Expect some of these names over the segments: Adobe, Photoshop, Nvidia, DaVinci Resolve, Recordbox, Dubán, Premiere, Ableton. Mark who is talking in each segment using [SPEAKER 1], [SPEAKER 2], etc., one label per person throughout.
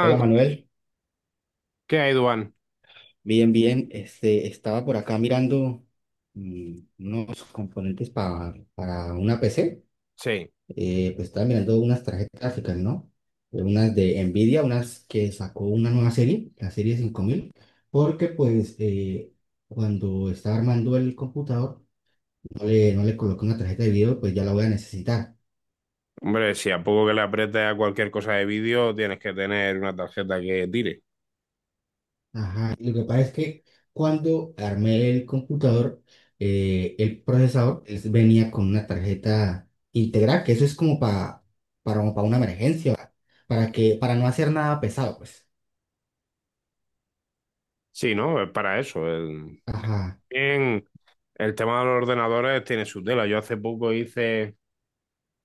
[SPEAKER 1] Hola Manuel,
[SPEAKER 2] ¿qué hay, Dubán?
[SPEAKER 1] bien, bien. Este, estaba por acá mirando unos componentes para una PC.
[SPEAKER 2] Sí,
[SPEAKER 1] Pues estaba mirando unas tarjetas gráficas, ¿no? Unas de Nvidia, unas que sacó una nueva serie, la serie 5000. Porque pues cuando estaba armando el computador no le coloqué una tarjeta de video, pues ya la voy a necesitar.
[SPEAKER 2] hombre, si a poco que le aprietes a cualquier cosa de vídeo, tienes que tener una tarjeta que tire.
[SPEAKER 1] Ajá. Lo que pasa es que cuando armé el computador, el procesador venía con una tarjeta integral, que eso es como para, como para una emergencia, para no hacer nada pesado, pues.
[SPEAKER 2] Sí, ¿no? Es para eso. El,
[SPEAKER 1] Ajá,
[SPEAKER 2] bien, el tema de los ordenadores tiene su tela. Yo hace poco hice,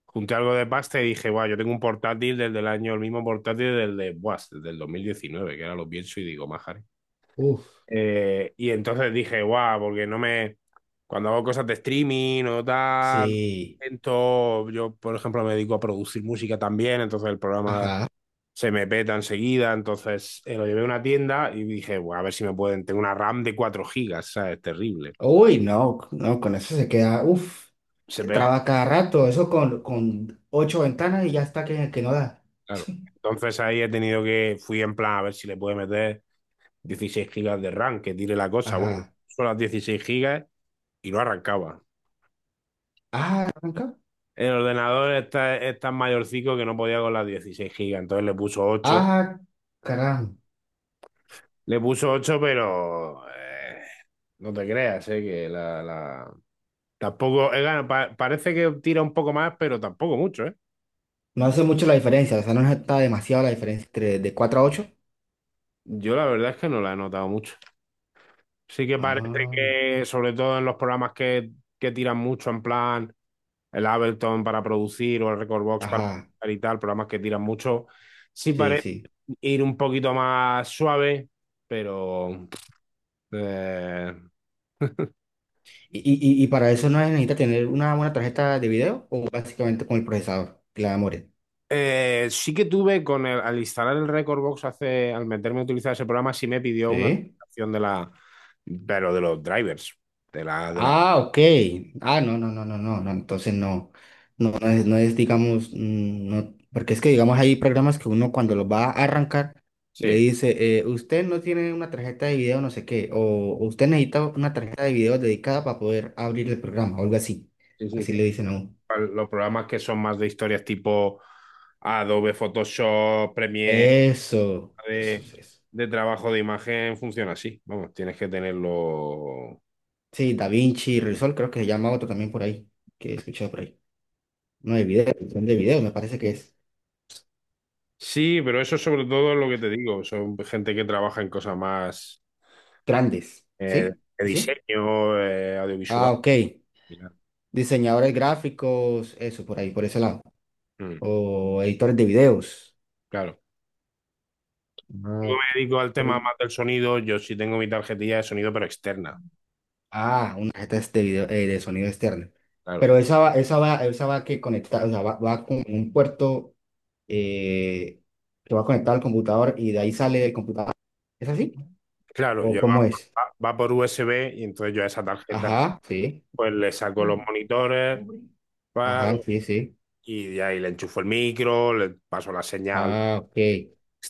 [SPEAKER 2] junté algo de pasta y dije, guau, yo tengo un portátil desde el año, el mismo portátil del de, buah, desde el 2019, que ahora lo pienso y digo, maja.
[SPEAKER 1] uff,
[SPEAKER 2] Y entonces dije, guau, porque no me. Cuando hago cosas de streaming o tal,
[SPEAKER 1] sí,
[SPEAKER 2] yo, por ejemplo, me dedico a producir música también, entonces el programa
[SPEAKER 1] ajá.
[SPEAKER 2] se me peta enseguida. Entonces lo llevé a una tienda y dije, bueno, a ver si me pueden. Tengo una RAM de 4 gigas, ¿sabes? Terrible.
[SPEAKER 1] Uy, no, no, con eso se queda. Uff,
[SPEAKER 2] Se pega,
[SPEAKER 1] traba cada rato, eso con ocho ventanas y ya está que no da.
[SPEAKER 2] claro. Entonces ahí he tenido que. Fui en plan a ver si le puedo meter 16 gigas de RAM, que tire la cosa. Bueno,
[SPEAKER 1] Ajá.
[SPEAKER 2] son las 16 gigas y no arrancaba.
[SPEAKER 1] Ah, arranca.
[SPEAKER 2] El ordenador está, es tan mayorcico que no podía con las 16 gigas, entonces le puso 8.
[SPEAKER 1] Ah, caramba.
[SPEAKER 2] Le puso 8 pero no te creas, que tampoco, parece que tira un poco más, pero tampoco mucho, ¿eh?
[SPEAKER 1] No hace mucho la diferencia, o sea, no está demasiado la diferencia entre de 4 a ocho.
[SPEAKER 2] Yo la verdad es que no la he notado mucho. Sí que parece
[SPEAKER 1] Ah,
[SPEAKER 2] que, sobre todo en los programas que tiran mucho, en plan el Ableton para producir o el Recordbox para
[SPEAKER 1] ajá,
[SPEAKER 2] editar y tal, programas que tiran mucho, sí
[SPEAKER 1] sí,
[SPEAKER 2] parece
[SPEAKER 1] sí.
[SPEAKER 2] ir un poquito más suave, pero eh,
[SPEAKER 1] ¿Y para eso no necesita tener una buena tarjeta de video o básicamente con el procesador, que la memoria?
[SPEAKER 2] sí que tuve con el, al instalar el Recordbox hace, al meterme a utilizar ese programa, sí me pidió una
[SPEAKER 1] Sí.
[SPEAKER 2] actualización de la, pero de los drivers, de la,
[SPEAKER 1] Ah, ok. Ah, no, no, no, no, no, no. Entonces no, no, no es, digamos, no, porque es que, digamos, hay programas que uno cuando los va a arrancar le
[SPEAKER 2] sí.
[SPEAKER 1] dice, usted no tiene una tarjeta de video, no sé qué, o usted necesita una tarjeta de video dedicada para poder abrir el programa, o algo así.
[SPEAKER 2] Sí, sí,
[SPEAKER 1] Así
[SPEAKER 2] sí.
[SPEAKER 1] le dicen a uno.
[SPEAKER 2] Los programas que son más de historias tipo Adobe, Photoshop, Premiere,
[SPEAKER 1] Eso
[SPEAKER 2] de,
[SPEAKER 1] es eso.
[SPEAKER 2] de trabajo de imagen, funciona así. Vamos, tienes que tenerlo.
[SPEAKER 1] Sí, DaVinci Resolve creo que se llama otro también por ahí, que he escuchado por ahí. No, de video, son de video, me parece que es
[SPEAKER 2] Sí, pero eso sobre todo es lo que te digo. Son gente que trabaja en cosas más
[SPEAKER 1] grandes,
[SPEAKER 2] eh,
[SPEAKER 1] ¿sí?
[SPEAKER 2] de
[SPEAKER 1] ¿Así?
[SPEAKER 2] diseño, audiovisual
[SPEAKER 1] Ah, ok.
[SPEAKER 2] y tal.
[SPEAKER 1] Diseñadores gráficos, eso, por ahí, por ese lado.
[SPEAKER 2] Mm,
[SPEAKER 1] O editores de videos.
[SPEAKER 2] claro. Si. Yo
[SPEAKER 1] Ah,
[SPEAKER 2] me dedico al tema
[SPEAKER 1] pero-
[SPEAKER 2] más del sonido. Yo sí tengo mi tarjetilla de sonido, pero externa.
[SPEAKER 1] ah, una tarjeta de video, de sonido externo.
[SPEAKER 2] Claro.
[SPEAKER 1] Pero esa va que conectar, o sea, va con un puerto eh, que va conectado al computador y de ahí sale el computador. ¿Es así?
[SPEAKER 2] Claro,
[SPEAKER 1] ¿O
[SPEAKER 2] yo
[SPEAKER 1] cómo es?
[SPEAKER 2] va por USB y entonces yo a esa tarjeta
[SPEAKER 1] Ajá, sí.
[SPEAKER 2] pues le saco los monitores,
[SPEAKER 1] Ajá,
[SPEAKER 2] paro,
[SPEAKER 1] sí, sí.
[SPEAKER 2] y de ahí le enchufo el micro, le paso la señal
[SPEAKER 1] Ah, ok.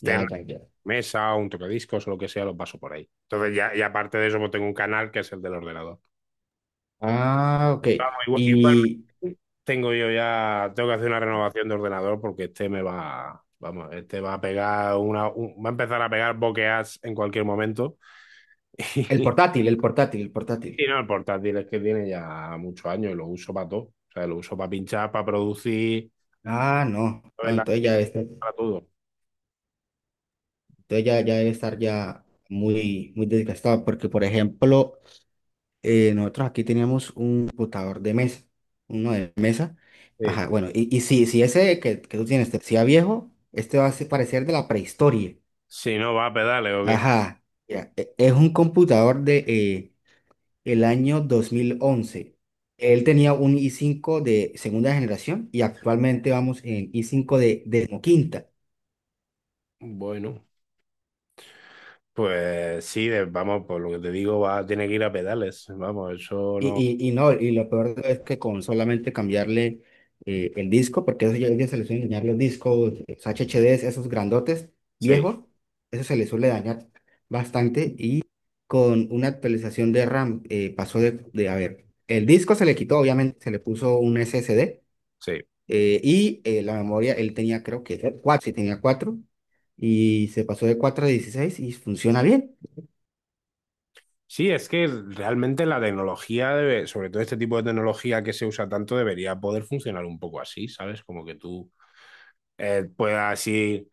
[SPEAKER 1] Ya, ya, ya.
[SPEAKER 2] mesa, un tocadiscos o lo que sea, lo paso por ahí. Entonces ya, y aparte de eso, pues tengo un canal que es el del ordenador.
[SPEAKER 1] Ah, ok.
[SPEAKER 2] Vamos,
[SPEAKER 1] Y
[SPEAKER 2] igualmente tengo yo ya, tengo que hacer una renovación de ordenador porque este me va, vamos, este va a pegar una, va a empezar a pegar bokehs en cualquier momento.
[SPEAKER 1] el portátil, el portátil, el
[SPEAKER 2] Y
[SPEAKER 1] portátil.
[SPEAKER 2] no, el portátil es que tiene ya muchos años y lo uso para todo. O sea, lo uso para pinchar, para producir,
[SPEAKER 1] Ah, no,
[SPEAKER 2] para
[SPEAKER 1] no,
[SPEAKER 2] para todo.
[SPEAKER 1] entonces ya debe estar ya muy, muy desgastado, porque por ejemplo, nosotros aquí teníamos un computador de mesa, uno de mesa,
[SPEAKER 2] Sí.
[SPEAKER 1] ajá, bueno, y si ese que tú tienes te parecía viejo, este va a parecer de la prehistoria,
[SPEAKER 2] Si no va a pedales o qué.
[SPEAKER 1] ajá, ya, es un computador de el año 2011. Él tenía un i5 de segunda generación y actualmente vamos en i5 de quinta.
[SPEAKER 2] Bueno, pues sí, vamos, por lo que te digo, va, tiene que ir a pedales. Vamos, eso
[SPEAKER 1] Y,
[SPEAKER 2] no.
[SPEAKER 1] y no, y lo peor es que con solamente cambiarle el disco, porque eso ya se les suele dañar los discos, los HDDs, esos grandotes,
[SPEAKER 2] Sí,
[SPEAKER 1] viejos, eso se les suele dañar bastante. Y con una actualización de RAM pasó de, a ver, el disco se le quitó, obviamente, se le puso un SSD
[SPEAKER 2] sí.
[SPEAKER 1] y la memoria, él tenía creo que cuatro, sí tenía cuatro, y se pasó de 4 a 16 y funciona bien.
[SPEAKER 2] Sí, es que realmente la tecnología debe, sobre todo este tipo de tecnología que se usa tanto, debería poder funcionar un poco así, ¿sabes? Como que tú puedas ir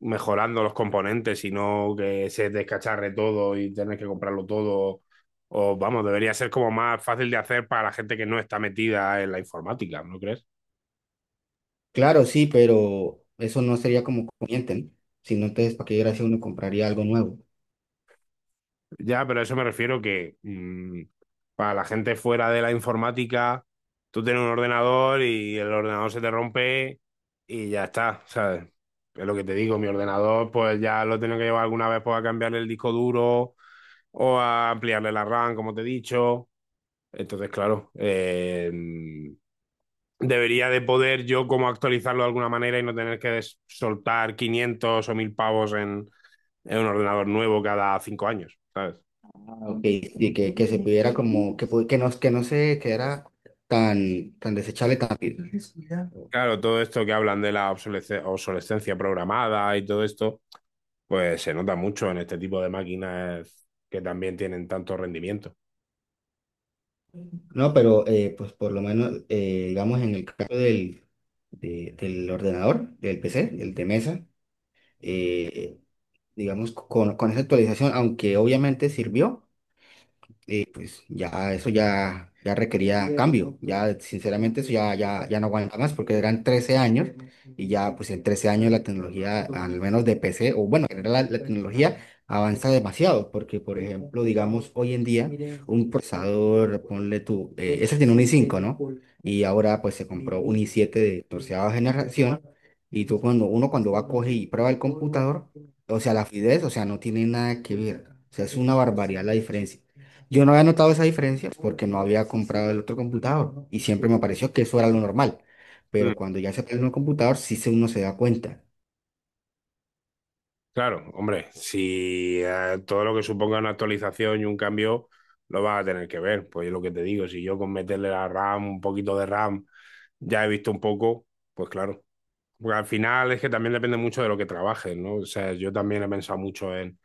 [SPEAKER 2] mejorando los componentes y no que se descacharre todo y tener que comprarlo todo. O vamos, debería ser como más fácil de hacer para la gente que no está metida en la informática, ¿no crees?
[SPEAKER 1] Claro, sí, pero eso no sería como conveniente, ¿no? Si no, entonces, ¿para qué gracia uno compraría algo nuevo?
[SPEAKER 2] Ya, pero a eso me refiero que mm, para la gente fuera de la informática, tú tienes un ordenador y el ordenador se te rompe y ya está, ¿sabes? Es lo que te digo, mi ordenador pues ya lo tengo que llevar alguna vez pues, a cambiarle el disco duro o a ampliarle la RAM, como te he dicho. Entonces, claro, debería de poder yo como actualizarlo de alguna manera y no tener que soltar 500 o 1000 pavos en un ordenador nuevo cada 5 años, ¿sabes?
[SPEAKER 1] Y que se pudiera como, no, que no se quedara tan, tan desechable tan rápido. Exacto.
[SPEAKER 2] Claro, todo esto que hablan de la obsolescencia programada y todo esto, pues se nota mucho en este tipo de máquinas que también tienen tanto rendimiento.
[SPEAKER 1] No, pero pues por lo menos, digamos, en el caso del ordenador, del PC, del de mesa, eh, digamos, con esa actualización, aunque obviamente sirvió. Pues ya eso ya requería cambio, ya sinceramente eso ya no aguanta más porque eran 13 años, y ya pues en 13 años la tecnología, al menos de PC, o bueno, en general la tecnología avanza demasiado porque por ejemplo, digamos hoy en día un procesador, ponle tú, ese tiene un i5, ¿no? Y ahora pues se compró un i7 de 14 generación y tú cuando uno cuando va a coger y prueba el computador, o sea, la fluidez, o sea, no tiene nada que ver. O sea, es una barbaridad la diferencia. Yo no había notado esa diferencia porque no había comprado el otro computador y siempre me pareció que eso era lo normal. Pero cuando ya se pierde un computador, sí uno se da cuenta.
[SPEAKER 2] Claro, hombre, si todo lo que suponga una actualización y un cambio lo vas a tener que ver. Pues es lo que te digo, si yo con meterle la RAM, un poquito de RAM, ya he visto un poco, pues claro. Porque al final es que también depende mucho de lo que trabajes, ¿no? O sea, yo también he pensado mucho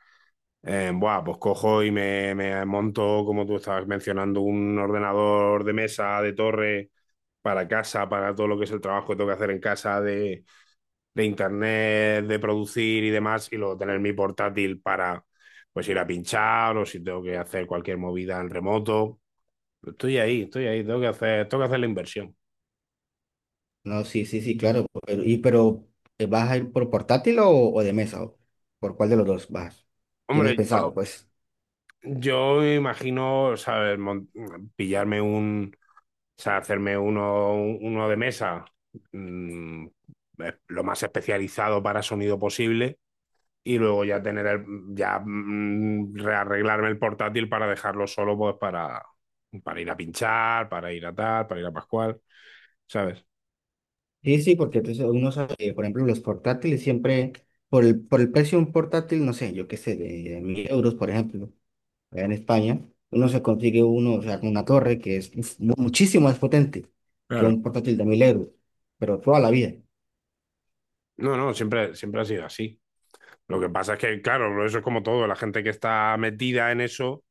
[SPEAKER 2] en, buah, pues cojo y me monto, como tú estabas mencionando, un ordenador de mesa, de torre para casa, para todo lo que es el trabajo que tengo que hacer en casa de internet, de producir y demás, y luego tener mi portátil para pues ir a pinchar o si tengo que hacer cualquier movida en remoto. Estoy ahí, tengo que hacer la inversión.
[SPEAKER 1] No, sí, sí, sí, claro. Pero ¿vas a ir por portátil o de mesa? ¿O ¿Por cuál de los dos vas? ¿Tienes
[SPEAKER 2] Hombre,
[SPEAKER 1] pensado? Pues
[SPEAKER 2] yo me imagino, o sea, pillarme un, o sea, hacerme uno, uno de mesa, mm, lo más especializado para sonido posible, y luego ya tener ya mm, rearreglarme el portátil para dejarlo solo, pues para ir a pinchar, para ir a tal, para ir a Pascual, ¿sabes?
[SPEAKER 1] sí, sí, porque entonces uno sabe, por ejemplo, los portátiles siempre, por el precio de un portátil, no sé, yo qué sé, de 1000 euros, por ejemplo. Allá en España, uno se consigue uno, o sea, con una torre que es uf, muchísimo más potente que
[SPEAKER 2] Claro.
[SPEAKER 1] un portátil de 1000 euros, pero toda la vida.
[SPEAKER 2] No, no, siempre, siempre ha sido así. Lo que pasa es que, claro, eso es como todo, la gente que está metida en eso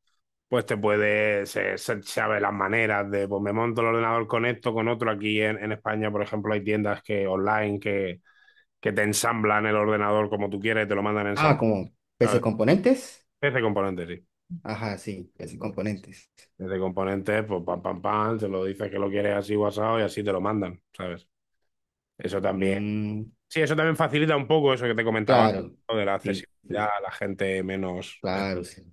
[SPEAKER 2] pues te puede, sabe las maneras de, pues me monto el ordenador con esto, con otro. Aquí en España, por ejemplo, hay tiendas que online que te ensamblan el ordenador como tú quieres y te lo mandan
[SPEAKER 1] Ah,
[SPEAKER 2] ensamblado.
[SPEAKER 1] como PC
[SPEAKER 2] ¿Sabes?
[SPEAKER 1] componentes.
[SPEAKER 2] Ese componente, sí.
[SPEAKER 1] Ajá, sí, PC componentes.
[SPEAKER 2] Ese componente, pues pam, pam, pam, te lo dices que lo quieres así guasado y así te lo mandan, ¿sabes? Eso también.
[SPEAKER 1] Mm,
[SPEAKER 2] Sí, eso también facilita un poco eso que te comentaba,
[SPEAKER 1] claro,
[SPEAKER 2] ¿no? De la
[SPEAKER 1] sí, sí,
[SPEAKER 2] accesibilidad a la gente menos...
[SPEAKER 1] claro, sí.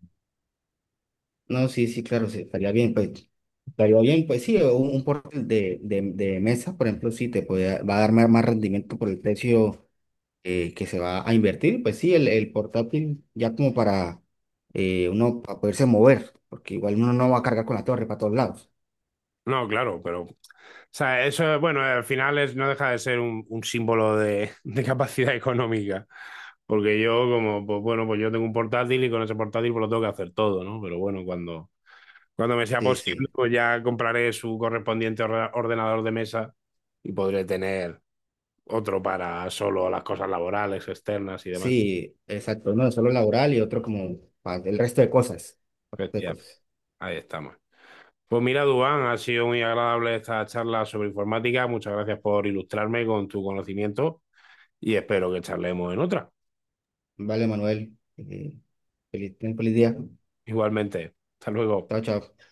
[SPEAKER 1] No, sí, sí, claro, sí, estaría bien, pues. Estaría bien, pues sí, un portátil de mesa, por ejemplo, sí, te puede, va a dar más rendimiento por el precio que se va a invertir, pues sí, el portátil ya como para uno para poderse mover, porque igual uno no va a cargar con la torre para todos lados.
[SPEAKER 2] No, claro, pero... O sea, eso, bueno, al final es, no deja de ser un símbolo de capacidad económica. Porque yo, como, pues bueno, pues yo tengo un portátil y con ese portátil pues lo tengo que hacer todo, ¿no? Pero bueno, cuando, cuando me sea
[SPEAKER 1] Sí,
[SPEAKER 2] posible,
[SPEAKER 1] sí,
[SPEAKER 2] pues ya compraré su correspondiente ordenador de mesa y podré tener otro para solo las cosas laborales, externas y demás.
[SPEAKER 1] sí, exacto, uno solo laboral y otro como para el resto de cosas. Para el resto
[SPEAKER 2] Hostia,
[SPEAKER 1] de cosas.
[SPEAKER 2] ahí estamos. Pues mira, Dubán, ha sido muy agradable esta charla sobre informática. Muchas gracias por ilustrarme con tu conocimiento y espero que charlemos en otra.
[SPEAKER 1] Vale, Manuel, ten feliz día.
[SPEAKER 2] Igualmente, hasta luego.
[SPEAKER 1] Chao, chao.